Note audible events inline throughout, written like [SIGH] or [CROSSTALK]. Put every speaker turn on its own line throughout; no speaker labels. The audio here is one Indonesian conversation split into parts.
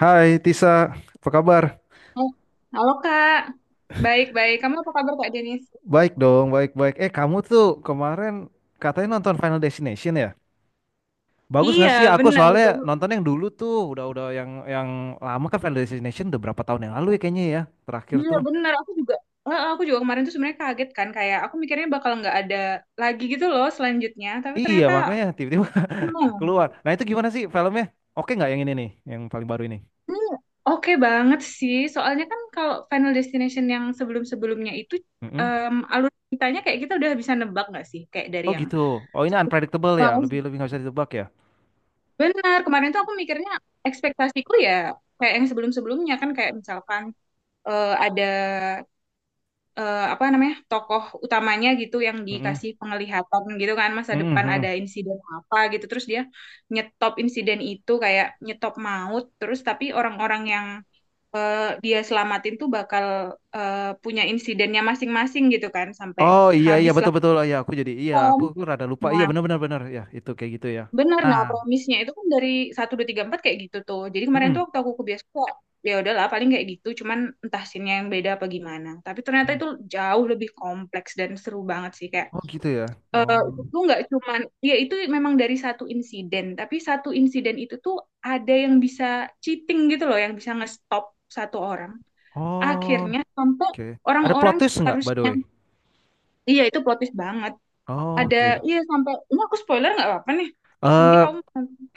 Hai Tisa, apa kabar?
Oh, halo Kak. Baik-baik. Kamu apa kabar Kak Denis?
Baik dong, baik-baik. Eh kamu tuh kemarin katanya nonton Final Destination ya? Bagus nggak
Iya,
sih? Aku
benar.
soalnya
Baru.
nonton yang dulu tuh, udah-udah yang lama kan Final Destination udah berapa tahun yang lalu ya kayaknya ya, terakhir
Iya,
tuh.
benar. Aku juga kemarin tuh sebenarnya kaget kan kayak aku mikirnya bakal nggak ada lagi gitu loh selanjutnya, tapi
Iya
ternyata
makanya tiba-tiba [LAUGHS]
no.
keluar. Nah itu gimana sih filmnya? Oke nggak yang ini nih, yang paling baru ini?
Ini oke banget sih. Soalnya kan kalau Final Destination yang sebelum-sebelumnya itu
Mm-mm.
alur ceritanya kayak kita udah bisa nebak nggak sih kayak dari
Oh
yang
gitu. Oh ini
satu.
unpredictable ya,
Wow.
lebih lebih nggak bisa ditebak ya.
Benar, kemarin tuh aku mikirnya ekspektasiku ya kayak yang sebelum-sebelumnya kan kayak misalkan ada apa namanya tokoh utamanya gitu yang
Mm-mm.
dikasih penglihatan gitu kan masa
Mm-mm,
depan ada
mm-mm.
insiden apa gitu terus dia nyetop insiden itu kayak nyetop maut terus tapi orang-orang yang eh, dia selamatin tuh bakal punya insidennya masing-masing gitu kan sampai
Oh, iya, iya,
habislah
betul, betul, oh, ya aku jadi iya, aku,
film.
aku rada lupa, iya
Nah,
benar, benar, benar, ya itu kayak gitu ya.
benar.
Nah,
Nah, premisnya itu kan dari satu 2 3 4 kayak gitu tuh. Jadi kemarin tuh
mm-mm.
waktu aku ke bioskop, ya udahlah paling kayak gitu. Cuman entah scene yang beda apa gimana. Tapi ternyata itu jauh lebih kompleks dan seru banget sih. Kayak
Oh gitu ya. Oh,
itu nggak cuman, ya itu memang dari satu insiden tapi satu insiden itu tuh ada yang bisa cheating gitu loh yang bisa ngestop satu orang
oh,
akhirnya sampai
oke. Ada plot
orang-orang
twist nggak by the
harusnya.
way?
Iya, itu plot twist banget.
Oh,
Ada,
oke.
iya sampai ini aku spoiler nggak apa-apa nih nanti
Eh
kamu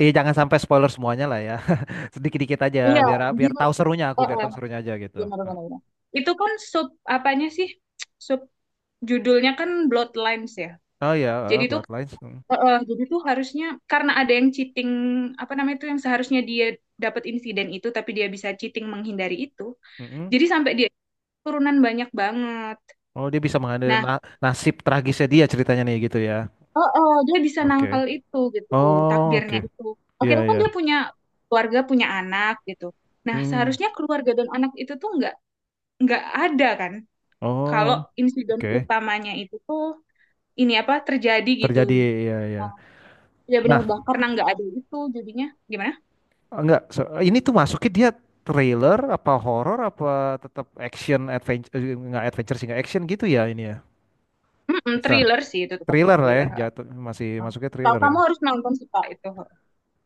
iya jangan sampai spoiler semuanya lah ya. [LAUGHS] Sedikit dikit aja
iya
biar biar
gitu.
tahu serunya aku
Eh,
biar
eh,
tahu serunya aja gitu.
Benar benar benar. Itu kan sub apanya sih sub judulnya kan Bloodlines ya,
Oh ya
jadi itu.
Bloodlines. Mm.
Heeh, jadi tuh harusnya karena ada yang cheating apa namanya itu yang seharusnya dia dapat insiden itu tapi dia bisa cheating menghindari itu.
Mm-mm.
Jadi sampai dia turunan banyak banget.
Oh dia bisa mengambil
Nah,
nasib tragisnya dia ceritanya nih gitu ya.
heeh, dia bisa
Oke.
nangkal itu gitu
Oh oke.
takdirnya itu.
Iya,
Akhirnya kan
iya.
dia punya keluarga punya anak gitu. Nah,
Hmm.
seharusnya keluarga dan anak itu tuh nggak ada kan
Oh
kalau insiden
oke.
utamanya itu tuh ini apa terjadi gitu.
Terjadi, ya, ya.
Nah, ya benar
Nah,
banget karena nggak ada itu jadinya gimana?
enggak, ini tuh masuknya dia trailer, apa horor apa tetap action, adventure, enggak adventure sih, enggak action gitu ya ini ya.
Mm-mm,
Bisa.
thriller sih itu tetap
Thriller lah ya,
thriller.
jatuh, masih masuknya
Kalau
thriller ya.
kamu harus nonton sih Pak itu.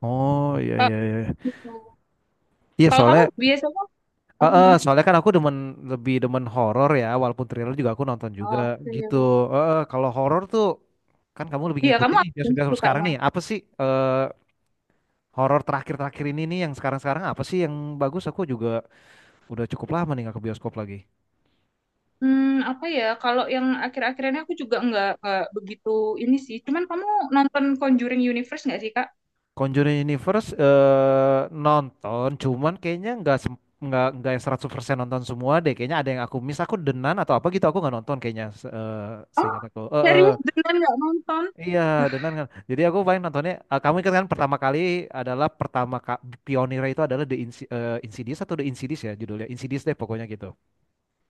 Oh, iya,
Ka-
iya, iya.
Gitu.
Iya,
Kalau kamu
soalnya,
biasanya apa gimana?
soalnya kan aku demen, lebih demen horor ya, walaupun thriller juga aku nonton juga
Oh,
gitu.
oke.
Kalau horor tuh, kan kamu lebih
Iya, kamu
ngikutin nih,
apa yang
biasa-biasa sekarang
sukanya.
nih, apa sih. Horor terakhir-terakhir ini nih yang sekarang-sekarang apa sih yang bagus? Aku juga udah cukup lama nih nggak ke bioskop lagi.
hmm, Apa ya? Kalau yang akhir-akhir ini aku juga nggak begitu ini sih. Cuman kamu nonton Conjuring Universe nggak sih, Kak?
Conjuring Universe, nonton, cuman kayaknya nggak nggak yang 100% nonton semua deh. Kayaknya ada yang aku miss, aku denan atau apa gitu aku nggak nonton kayaknya
Oh,
seingat aku.
serius beneran nggak nonton?
Iya,
Wah,
denan kan. Jadi aku paling nontonnya, kamu ingat kan pertama kali adalah pertama ka, pionirnya itu adalah The Insidious atau The Insidious ya judulnya. Insidious deh pokoknya gitu.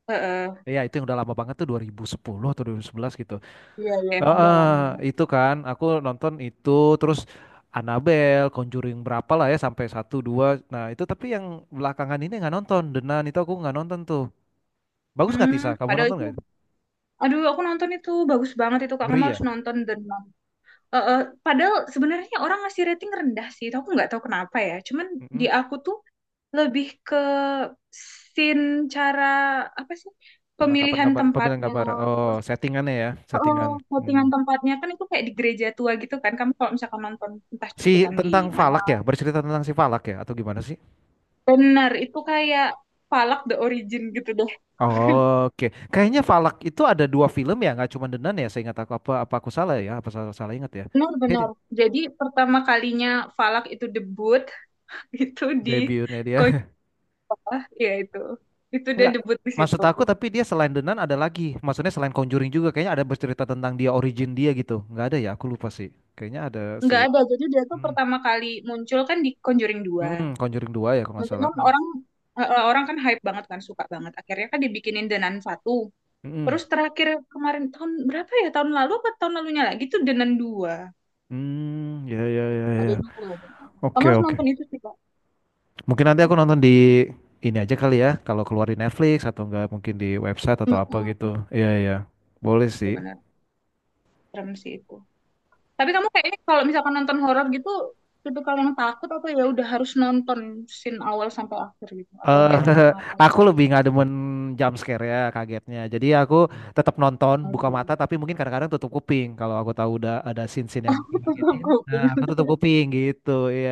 heeh.
Iya, itu yang udah lama banget tuh 2010 atau 2011 gitu.
Iya, iya, emang udah
Heeh,
lama banget.
itu kan aku nonton itu terus Annabelle, Conjuring berapa lah ya sampai satu dua. Nah itu tapi yang belakangan ini nggak nonton. The Nun itu aku nggak nonton tuh. Bagus nggak Tisa?
Hmm,
Kamu
padahal
nonton
itu,
nggak itu?
aduh, aku nonton itu bagus banget itu Kak. Kamu
Ngeri ya?
harus nonton dan eh, eh, padahal sebenarnya orang ngasih rating rendah sih. Itu aku nggak tahu kenapa ya. Cuman di
Mm-mm.
aku tuh lebih ke scene, cara, apa sih,
Penangkapan
pemilihan
gambar, pemilihan
tempatnya,
gambar. Oh
terus
settingannya ya,
oh,
settingan. Hmm.
settingan tempatnya kan itu kayak di gereja tua gitu kan, kamu kalau misalkan nonton entah
Si
cuplikan di
tentang
mana
Falak ya, bercerita tentang si Falak ya atau gimana sih?
benar itu kayak Falak the Origin gitu deh,
Oke, kayaknya Falak itu ada dua film ya, nggak cuma The Nun ya. Saya ingat, aku apa apa, aku salah ya? Apa salah, salah ingat ya? Iya
benar-benar.
deh,
Jadi pertama kalinya Falak itu debut [LAUGHS] itu di
debutnya dia.
Koja, ya itu dia
Enggak,
debut di
maksud
situ.
aku tapi dia selain The Nun ada lagi. Maksudnya selain Conjuring juga kayaknya ada bercerita tentang dia origin dia gitu. Enggak ada ya, aku lupa sih. Kayaknya ada
Nggak
si
ada, jadi dia tuh
hmm.
pertama kali muncul kan di Conjuring dua.
Mm-mm, Conjuring 2 ya kalau nggak
Mungkin
salah.
kan
Hmm.
orang kan hype banget kan suka banget. Akhirnya kan dibikinin Denan satu.
Mm-mm.
Terus terakhir kemarin tahun berapa ya? Tahun lalu apa tahun lalunya lagi tuh Denan dua.
Hmm, ya, ya, ya,
Ada
ya.
dua. Denan. Kamu
Oke,
harus
oke.
nonton itu sih Kak.
Mungkin nanti aku nonton di ini aja kali ya, kalau keluar di Netflix atau enggak mungkin di website atau apa
Mm-mm.
gitu. Iya, iya. Boleh sih.
Benar, serem sih itu. Tapi kamu kayaknya kalau misalkan nonton horor gitu, itu kalau yang takut apa ya udah harus nonton scene awal sampai akhir gitu, atau
Eee,
yang kayak tutup mata.
[LAUGHS] aku lebih nggak demen jump scare ya kagetnya. Jadi aku tetap nonton, buka
Oke.
mata tapi mungkin kadang-kadang tutup kuping kalau aku tahu udah ada scene-scene yang bakal
[LAUGHS] Tutup
ngagetin, nah
kuping.
aku tutup kuping gitu, iya.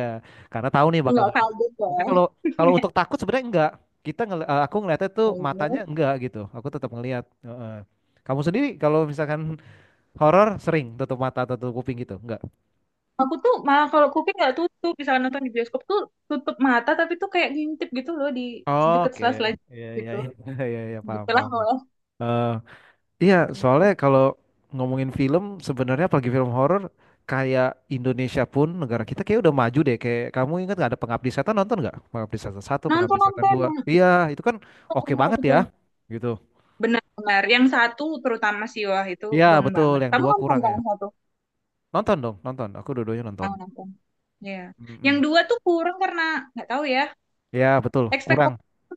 Karena tahu nih
[LAUGHS]
bakal
Enggak
ngagetin.
kaget ya.
Tapi kalau kalau
[LAUGHS]
untuk takut sebenarnya enggak. Aku ngeliatnya tuh matanya
Lalu.
enggak gitu, aku tetap ngeliat. Heeh. Kamu sendiri kalau misalkan horor sering tutup mata, atau tutup kuping gitu? Enggak?
Aku tuh malah kalau kuping nggak tutup, misalnya nonton di bioskop tuh tutup mata tapi tuh kayak ngintip gitu loh di deket
Oke,
sela-sela
iya, iya,
gitu,
iya, [LAUGHS] iya, iya,
di
paham,
oleh
paham. Iya, soalnya kalau ngomongin film sebenarnya apalagi film horor kayak Indonesia pun negara kita kayak udah maju deh. Kayak kamu ingat nggak ada Pengabdi Setan, nonton nggak? Pengabdi Setan satu, Pengabdi
nonton
Setan
nonton
dua.
yang
Iya, itu kan oke
yang
banget
satu
ya,
doang.
gitu.
Benar-benar yang satu terutama sih wah itu
Iya
gong
betul,
banget.
yang
Kamu
dua
nonton
kurang
nggak
ya.
yang satu?
Nonton dong, nonton. Aku dua-duanya nonton.
Ah nonton. Ya, yang
Mm-mm.
dua tuh kurang karena nggak tahu ya
Iya betul, kurang.
ekspektasi tuh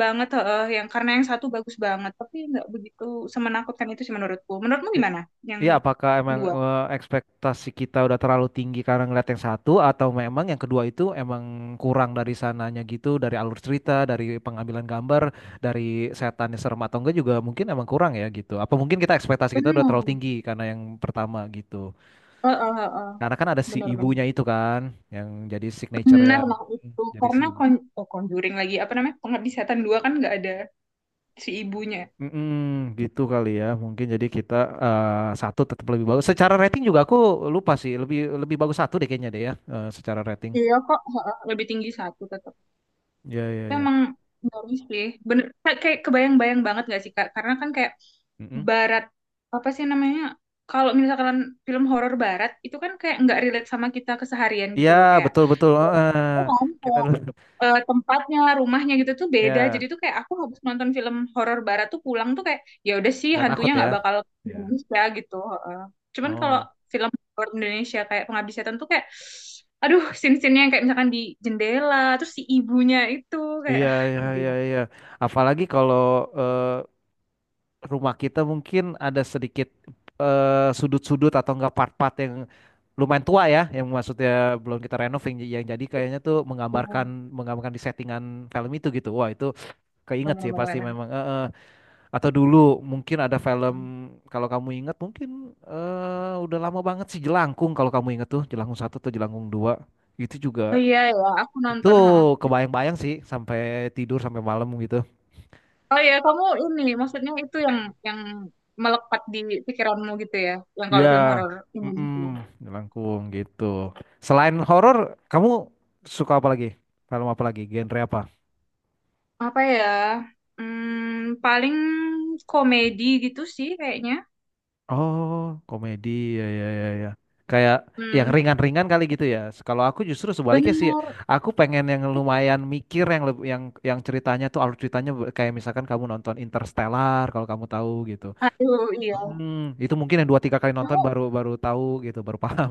banget heeh, yang karena yang satu bagus banget tapi nggak begitu semenakutkan itu sih menurutku. Menurutmu gimana? Yang
Iya, apakah emang,
dua?
ekspektasi kita udah terlalu tinggi karena ngeliat yang satu atau memang yang kedua itu emang kurang dari sananya gitu, dari alur cerita, dari pengambilan gambar, dari setannya serem atau enggak juga mungkin emang kurang ya gitu. Apa mungkin ekspektasi kita udah terlalu
Benar.
tinggi karena yang pertama gitu.
Heeh, heeh.
Karena kan ada si
Benar, benar.
ibunya itu kan yang jadi signature ya.
Benar lah itu.
Jadi si
Karena
ibu.
Conjuring lagi apa namanya? Pengabdi Setan 2 kan nggak ada si ibunya.
Mm-mm, gitu kali ya. Mungkin jadi kita, satu tetap lebih bagus. Secara rating juga aku lupa sih, lebih lebih bagus satu deh kayaknya deh ya, secara rating.
Iya kok. Heeh, lebih tinggi satu tetap.
Ya, ya, ya.
Memang baru sih. Bener, kayak kayak kebayang-bayang banget gak sih, Kak? Karena kan kayak
Mm-mm.
barat, apa sih namanya? Kalau misalkan film horor barat, itu kan kayak nggak relate sama kita keseharian gitu
Iya,
loh. Kayak,
betul betul. Heeh.
oh, kan?
kita
Kayak,
lu
eh, tempatnya, rumahnya gitu tuh
[LAUGHS]
beda. Jadi
ya
tuh kayak aku habis nonton film horor barat tuh pulang tuh kayak, ya udah sih
nggak takut
hantunya
ya.
nggak bakal ke
Ya.
Indonesia gitu. Heeh. Cuman kalau
Oh,
film luar Indonesia kayak Pengabdi Setan tuh kayak aduh scene-scene yang kayak misalkan di jendela terus si ibunya itu kayak
iya,
ah
iya,
ngeri
iya,
banget.
iya. Apalagi kalau, eh, rumah kita mungkin ada sedikit, sudut-sudut atau enggak part-part yang lumayan tua ya, yang maksudnya belum kita renov yang, jadi kayaknya tuh menggambarkan
Ya,
menggambarkan di settingan film itu gitu. Wah, itu keinget sih pasti
bener-bener.
memang. Eh. Atau dulu mungkin ada film kalau kamu ingat mungkin, udah lama banget sih Jelangkung kalau kamu ingat tuh Jelangkung satu atau Jelangkung dua itu
Oh
juga
iya ya, aku
itu
nonton ha.
kebayang-bayang sih sampai tidur sampai malam gitu.
Oh iya kamu ini maksudnya itu yang melekat di pikiranmu gitu ya yang
Iya,
kalau film horor
mm
Indonesia
Jelangkung gitu. Selain horor, kamu suka apa lagi? Film apa lagi? Genre apa?
apa ya, paling komedi gitu sih kayaknya.
Oh, komedi, ya, ya, ya, ya. Kayak yang
hmm,
ringan-ringan kali gitu ya. Kalau aku justru sebaliknya sih,
Bener.
aku pengen yang lumayan mikir yang leb- yang ceritanya tuh alur ceritanya kayak misalkan kamu nonton Interstellar kalau kamu tahu gitu.
Aduh iya,
Hmm, itu mungkin yang dua tiga kali nonton
kamu
baru baru tahu gitu, baru paham.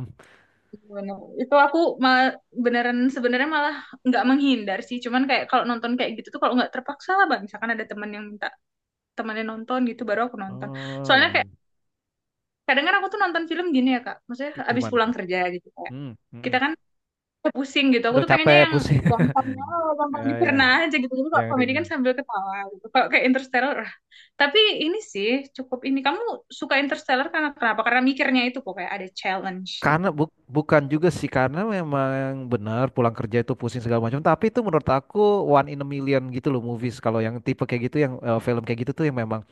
bener. Itu aku malah beneran sebenarnya malah nggak menghindar sih. Cuman kayak kalau nonton kayak gitu tuh kalau nggak terpaksa lah, Bang. Misalkan ada teman yang minta temannya nonton gitu baru aku nonton.
Oh,
Soalnya kayak
iya.
kadang kan aku tuh nonton film gini ya, Kak. Maksudnya habis
Gimana
pulang
tuh?
kerja gitu kayak.
Hmm, mm-mm.
Kita kan pusing gitu. Aku
Udah
tuh pengennya
capek
yang
pusing.
gampangnya
[LAUGHS]
gampang
Ya, ya,
dicerna aja gitu. Jadi kalau
yang
komedi kan
ringan.
sambil ketawa gitu. Kalau kayak Interstellar, ah. Tapi ini sih cukup ini. Kamu suka Interstellar karena kenapa? Karena mikirnya itu kok kayak ada challenge gitu.
Karena bukan juga sih karena memang benar pulang kerja itu pusing segala macam tapi itu menurut aku one in a million gitu loh movies kalau yang tipe kayak gitu yang, film kayak gitu tuh yang memang,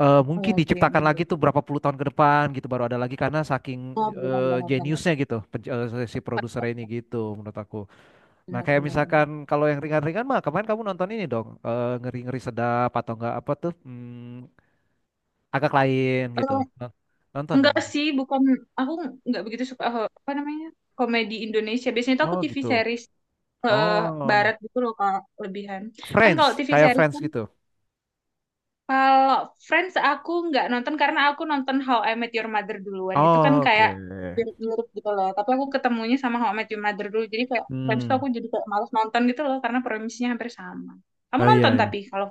Iya
mungkin
sih.
diciptakan lagi tuh berapa puluh tahun ke depan gitu baru ada lagi karena saking,
Benar, benar, benar, benar.
jeniusnya gitu si produser ini gitu menurut aku. Nah
Benar
kayak
benar benar.
misalkan kalau yang ringan-ringan mah kemarin kamu nonton ini dong, ngeri-ngeri sedap atau enggak apa tuh, agak lain gitu.
Eh,
Nonton dong
enggak
kamu.
sih, bukan aku enggak begitu suka apa namanya? Komedi Indonesia. Biasanya tuh aku
Oh
TV
gitu.
series eh,
Oh.
barat gitu loh kalau lebihan. Kan
Friends,
kalau TV
kayak
series
Friends
kan
gitu.
kalau Friends aku enggak nonton karena aku nonton How I Met Your Mother duluan. Itu kan
Oh, oke.
kayak mirip-mirip gitu loh. Tapi aku ketemunya sama How I Met Your Mother dulu. Jadi kayak Friends tuh
Hmm.
aku jadi kayak males nonton gitu loh karena premisnya hampir sama. Kamu
Oh
nonton
iya,
tapi
iya.
kalau.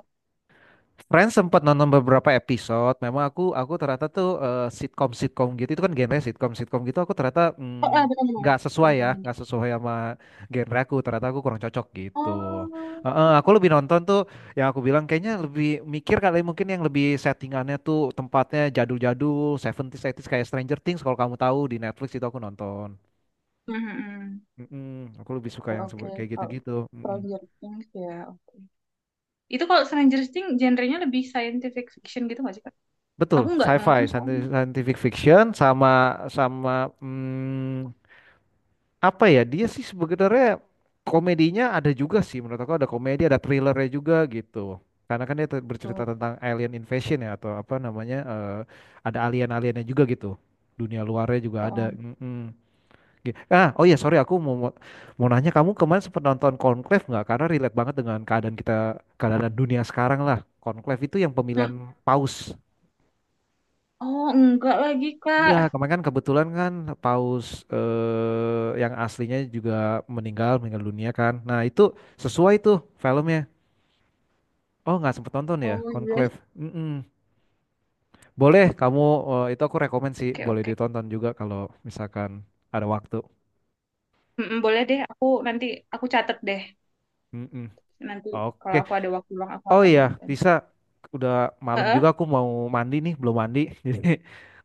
Friends sempat nonton beberapa episode. Memang aku ternyata tuh, sitkom-sitkom gitu itu kan genre sitkom-sitkom gitu aku ternyata
Oh, bukan, bukan.
nggak
Bukan
sesuai ya,
komedi.
nggak sesuai sama genre aku. Ternyata aku kurang cocok gitu.
Oh.
Heeh, aku lebih nonton tuh yang aku bilang kayaknya lebih mikir kali mungkin yang lebih settingannya tuh tempatnya jadul-jadul, 70s, 80s kayak Stranger Things kalau kamu tahu di Netflix itu aku nonton.
Mhm.
Mm-mm, aku lebih suka
Ya,
yang
oke.
kayak
Kalau
gitu-gitu.
project ini ya oke. Itu kalau Stranger Things genrenya lebih scientific fiction gitu nggak sih, Kak?
Betul,
Aku nggak nonton
sci-fi,
soalnya.
scientific fiction sama sama hmm, apa ya? Dia sih sebenarnya komedinya ada juga sih menurut aku ada komedi, ada thrillernya juga gitu. Karena kan dia bercerita
Oh,
tentang alien invasion ya atau apa namanya, ada alien-aliennya juga gitu. Dunia luarnya juga ada.
oh.
Mm-mm. Oh iya sorry, aku mau mau mau nanya kamu kemarin sempat nonton Conclave nggak? Karena relate banget dengan keadaan dunia sekarang lah. Conclave itu yang pemilihan
Hmm,
paus.
Oh, enggak lagi,
Iya,
Kak.
kemarin kan kebetulan kan paus, yang aslinya juga meninggal dunia kan. Nah, itu sesuai tuh filmnya. Oh, nggak sempet nonton ya,
Oh, yes.
Conclave. Mm-mm. Boleh, kamu, itu aku rekomen sih,
Oke,
boleh
oke.
ditonton juga kalau misalkan ada waktu.
Mm-mm, boleh deh, aku nanti aku catat deh.
Mm-mm.
Nanti
Oke.
kalau aku ada waktu luang aku
Oh
akan
iya,
nonton.
Tisa, udah malam
Heeh.
juga aku mau mandi nih, belum mandi. [LAUGHS] Jadi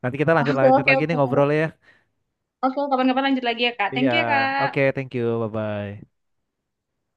nanti kita lanjut
Oke,
lanjut
oke,
lagi nih
oke.
ngobrolnya ya.
Oke, kapan-kapan lanjut lagi ya, Kak.
Iya.
Thank you ya, Kak.
Oke, thank you. Bye bye.